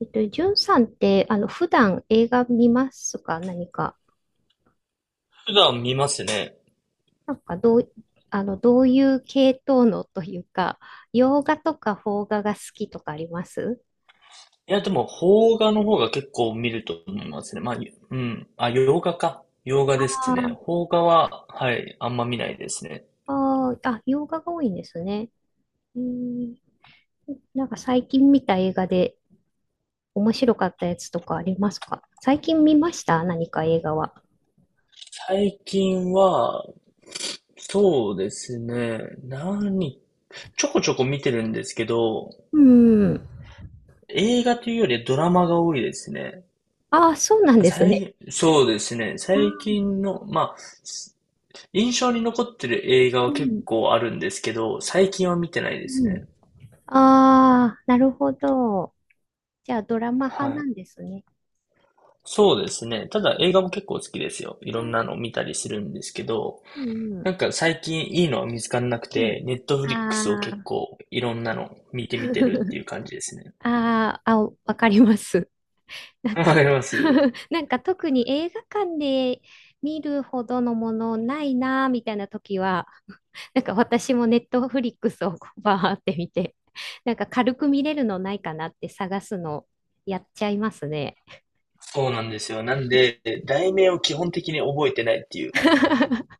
じゅんさんって、普段映画見ますか、何か。普段見ますね。なんか、どう、どういう系統のというか、洋画とか邦画が好きとかあります。いや、でも、邦画の方が結構見ると思いますね。まあ、うん。あ、洋画か。洋画ですね。あ邦画は、はい、あんま見ないですね。ああ、洋画が多いんですね。うん、なんか最近見た映画で面白かったやつとかありますか。最近見ました、何か映画は。最近は、そうですね。ちょこちょこ見てるんですけど、うん。映画というよりドラマが多いですね。ああ、そうなんですね。そうですね。ああ、最近の、まあ、印象に残ってる映画うは結ん、構あるんですけど、最近は見てないでうすね。ん。ああ、なるほど。じゃあ、ドラマ派はない。んですね。そうですね。ただ映画も結構好きですよ。いうろんん、なの見たりするんですけど、うん、なんか最近いいのは見つからなくうて、ネットん。フリックスをあ結あ、構いろんなの見てみてるっていう 感じですね。あーあ、わかります。な んわか かります。なんか特に映画館で見るほどのものないなーみたいな時は、なんか私もネットフリックスをこうバーって見て、なんか軽く見れるのないかなって探すのやっちゃいますね。そうなんですよ。なんで、題名を基本的に覚えてないっていう。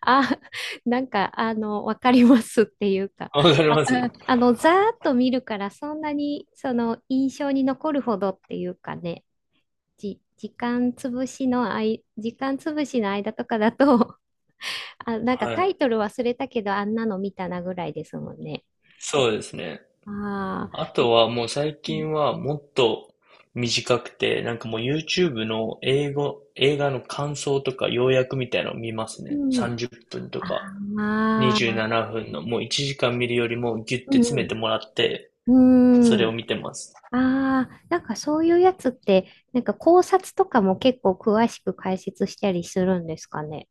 あ、なんか、わかりますっていうか、わかりわかます、あの、ざーっと見るから、そんなに、その、印象に残るほどっていうかね、時間潰しの間とかだと、あ、なんかはタイい。トル忘れたけど、あんなの見たなぐらいですもんね。そうですね。あああ、とはもう最うん、近はもっと短くて、なんかもう YouTube の英語、映画の感想とか要約みたいなのを見ますね。うん。30分とあか。にじゅうなあ、なふんの、もう1時間見るよりもギュッうて詰めてもらって、そん、れうん、を見てます。ああ、なんかそういうやつって、なんか考察とかも結構詳しく解説したりするんですかね、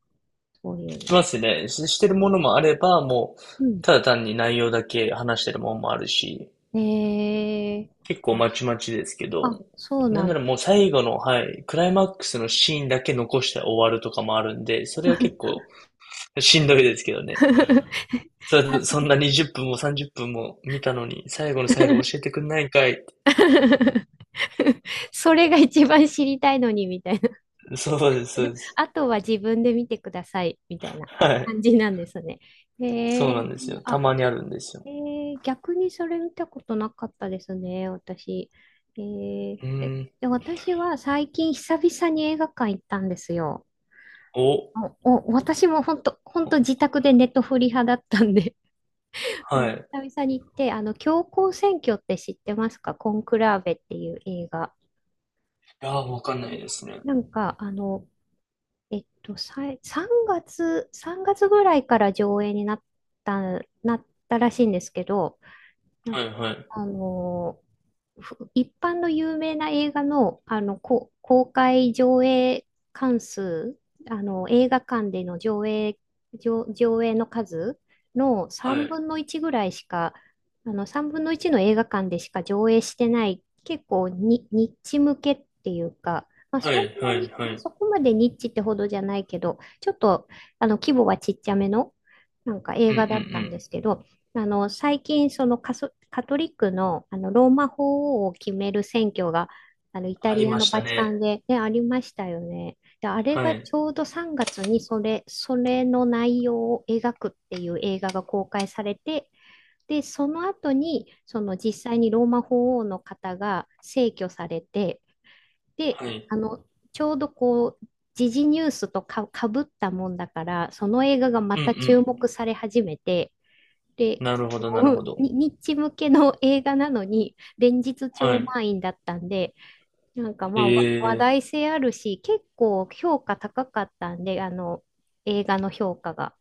そういしうますね。してるものもあれば、もう、の。うん。ただ単に内容だけ話してるものもあるし、ええ、結構まちまちですけあ、ど、あそうなんななんらです。もう最後の、はい、クライマックスのシーンだけ残して終わるとかもあるんで、それは結構しんどいですけどね。あそそう。 んな20分も30分も見たのに、最後の最後教えてくんないんかい。それが一番知りたいのに、みたいな。そうです、そう です。あとは自分で見てください、みたいなはい。感じなんですね。へそうなんえ、ですよ。あ、たまにあるんですよ。逆にそれ見たことなかったですね、私。うーん。で私は最近久々に映画館行ったんですよ。お、お、私も本当本当自宅でネットフリ派だったんで、 うん、は久い。々に行って、教皇選挙って知ってますか、コンクラーベっていう映画。いやー、わかんないですね。なんか、あの、3月、3月ぐらいから上映にた、なったらしいんですけど、なんはいはか、い。あのふ一般の有名な映画の、公開上映関数、映画館での上映、上映の数のは3い。分の1ぐらいしか、3分の1の映画館でしか上映してない、結構に、ニッチ向けっていうか、まあ、はそんいはないに、はまあ、い。そこまでニッチってほどじゃないけど、ちょっと、規模はちっちゃめの、なんか映うんうんう画だったんん。ですけど、最近、カトリックの、ローマ法王を決める選挙が、イタありリアまのしたバチカンね。で、ね、ありましたよね。で、あれはがい。ちょうど3月にそれの内容を描くっていう映画が公開されて、で、その後に、その実際にローマ法王の方が逝去されて、で、はい。あの、ちょうどこう、時事ニュースとか、かぶったもんだから、その映画がまうんうた注ん。目され始めて、で、なるほどそなるほのど。にニッチ向けの映画なのに、連日は超い。満員だったんで、なんか、まえあ、話え、題性あるし、結構評価高かったんで、映画の評価が。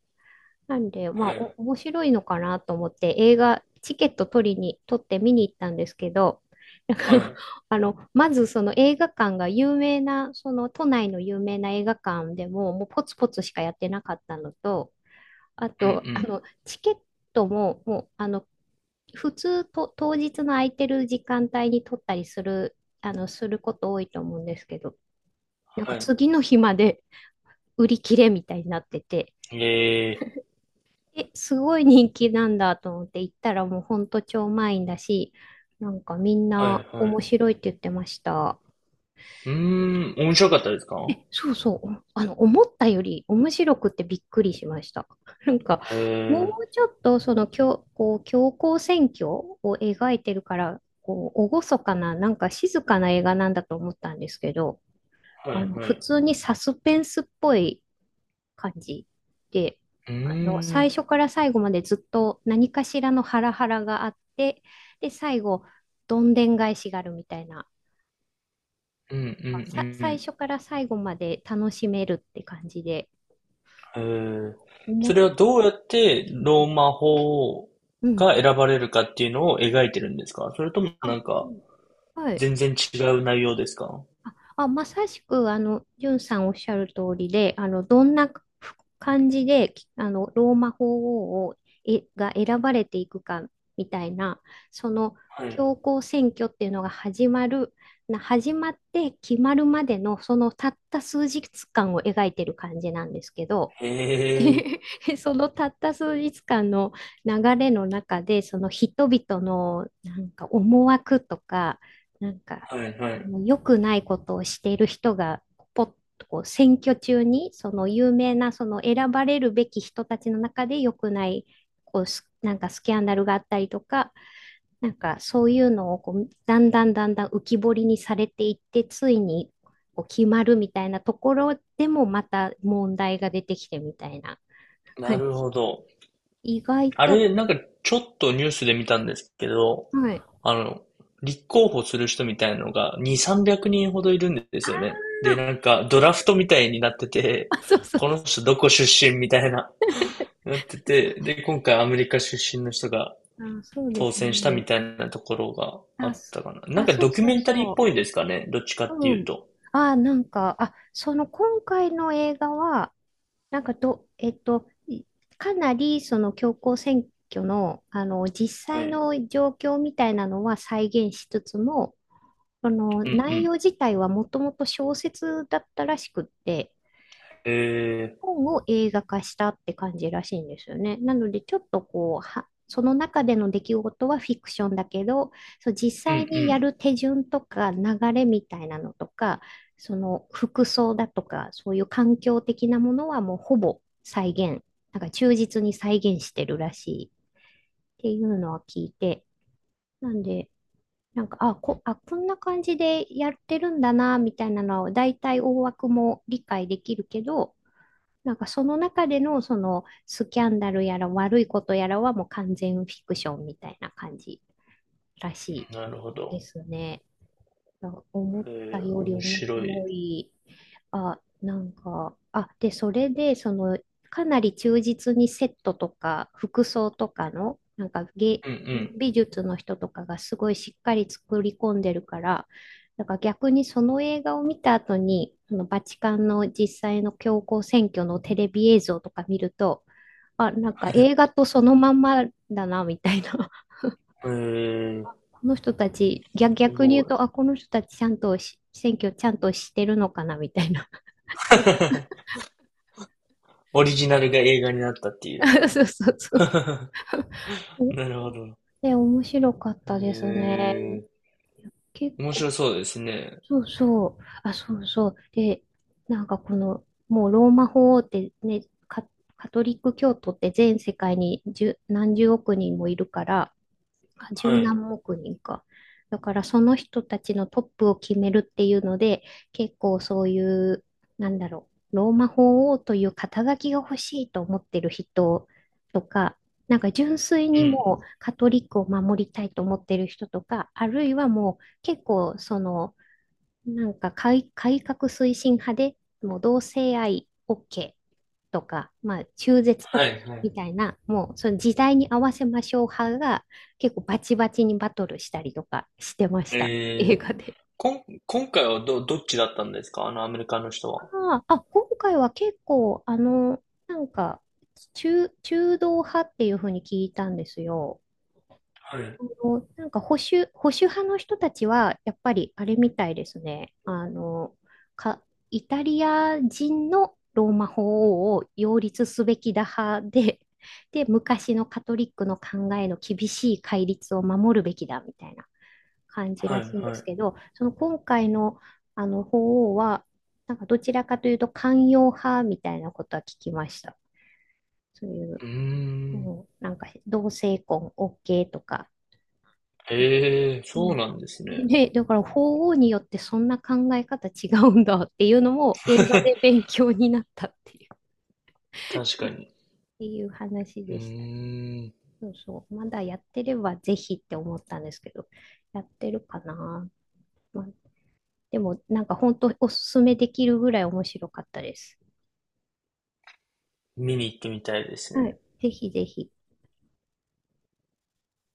なんで、まはあ、い。面白いのかなと思って、映画、チケット取りに、取って見に行ったんですけど、なんか はい。まずその映画館が有名な、その都内の有名な映画館でも、もうポツポツしかやってなかったのと、あうんうと、ん。チケットも、もう、普通と、当日の空いてる時間帯に取ったりする、すること多いと思うんですけど、なんはかい。次の日まで売り切れみたいになってて、ええ、え、すごい人気なんだと思って行ったらもうほんと超満員だし、なんかみんはないは面い。白いって言ってました。うーん、面白かったですか？そうそう。思ったより面白くてびっくりしました。なんか、へもえ、うちょっとその、こう、強行選挙を描いてるから、こう、厳かな、なんか静かな映画なんだと思ったんですけど、はいは普い。通にサスペンスっぽい感じで、うー最ん。初から最後までずっと何かしらのハラハラがあって、で、最後、どんでん返しがあるみたいな、うんうんう最ん、初から最後まで楽しめるって感じで、へえ。思そっ。れはどうやってローマ法うん。が選ばれるかっていうのを描いてるんですか？それともあ、なんうかん、はい。全然違う内容ですか？あ、あまさしく、ジュンさんおっしゃる通りで、どんな感じで、きあの、ローマ法王を、が選ばれていくか、みたいな、その、はい。教皇選挙っていうのが始まる、始まって決まるまでの、そのたった数日間を描いてる感じなんですけど、へえ。そのたった数日間の流れの中で、その人々のなんか思惑とか、なんかはいはい。良くないことをしている人が、ポッとこう選挙中に、その有名なその選ばれるべき人たちの中で良くない、こうスなんかスキャンダルがあったりとか、なんかそういうのをこうだんだんだんだん浮き彫りにされていって、ついにこう決まるみたいなところでもまた問題が出てきてみたいな。はない。るほど。意外あれ、と。なんかちょっとニュースで見たんですけど、はい。あの、立候補する人みたいなのが2、300人ほどいるんであすよね。で、ーなんかドラフトみたいになってて、そうそうこのそう。人どこ出身みたいな、なって そうて、で、今回アメリカ出身の人があ、そうで当す選したみね。たいなところがああ、っそたかな。なんかそドうキュそメうンタリーっそぽいですかね、どっちかう。ってういうん。と。あ、なんか、あ、その今回の映画は、なんかど、えっと、いかなりその教皇選挙の、実は際い。の状況みたいなのは再現しつつも、そのうんう内容ん。自体はもともと小説だったらしくって、え本を映画化したって感じらしいんですよね。なので、ちょっとこう、その中での出来事はフィクションだけど、そう、実ー、う際にやんる手順とか流れみたいなのとか、その服装だとか、そういう環境的なものはもうほぼ再現、なんか忠実に再現してるらしいっていうのは聞いて、なんで、なんか、こんな感じでやってるんだな、みたいなのは、大体大枠も理解できるけど、なんかその中でのそのスキャンダルやら悪いことやらはもう完全フィクションみたいな感じらしうん。なるほいでど。すね。思っえたー、より面面白い。白い。で、それで、その、かなり忠実にセットとか、服装とかの、なんかうん美術の人とかがすごいしっかり作り込んでるから、なんから逆にその映画を見た後に、そのバチカンの実際の教皇選挙のテレビ映像とか見ると、あ、なんか映画とそのまんまだな、みたいな、うん。えー、この人たち、す逆にご言うと、あ、い。この人たちちゃんとし選挙ちゃんとしてるのかなみたいな。オリジナルが映画になったっていう。そうそうそ う。なるほど。で、面白かっえたですね。ー、結面構。白そうですね。そうそう。あ、そうそう。で、なんかこの、もうローマ法王ってね、カ、カトリック教徒って全世界に何十億人もいるから、あ、十はい。何億人か。だからその人たちのトップを決めるっていうので、結構そういう、なんだろう、ローマ法王という肩書きが欲しいと思ってる人とか、なんか純粋うにん。もうカトリックを守りたいと思ってる人とか、あるいはもう結構その、なんか改革推進派で、もう同性愛 OK とか、まあ、中絶 は OK いはい。みたいな、もうその時代に合わせましょう派が結構バチバチにバトルしたりとかしてました、映えー、画で。こん、今回はどっちだったんですか、あのアメリカの人は？今回は結構、なんか中道派っていうふうに聞いたんですよ。はい。あの、なんか保守派の人たちは、やっぱりあれみたいですね。か、イタリア人のローマ法王を擁立すべきだ派で、で、昔のカトリックの考えの厳しい戒律を守るべきだみたいな感じはらいしいんではすい、けど、その今回の、法王は、なんかどちらかというと寛容派みたいなことは聞きました。そういう、うーうん。ん、なんか同性婚 OK とか。へえ、うそうん。なんですね。で、だから法王によってそんな考え方違うんだっていうのも映画で 勉強になったっていう、っ確かに。ていう話うでした。ーん。そうそう。まだやってればぜひって思ったんですけど、やってるかな。まあ、でもなんか本当おすすめできるぐらい面白かったです。見に行ってみたいですはね。い。ぜひぜひ。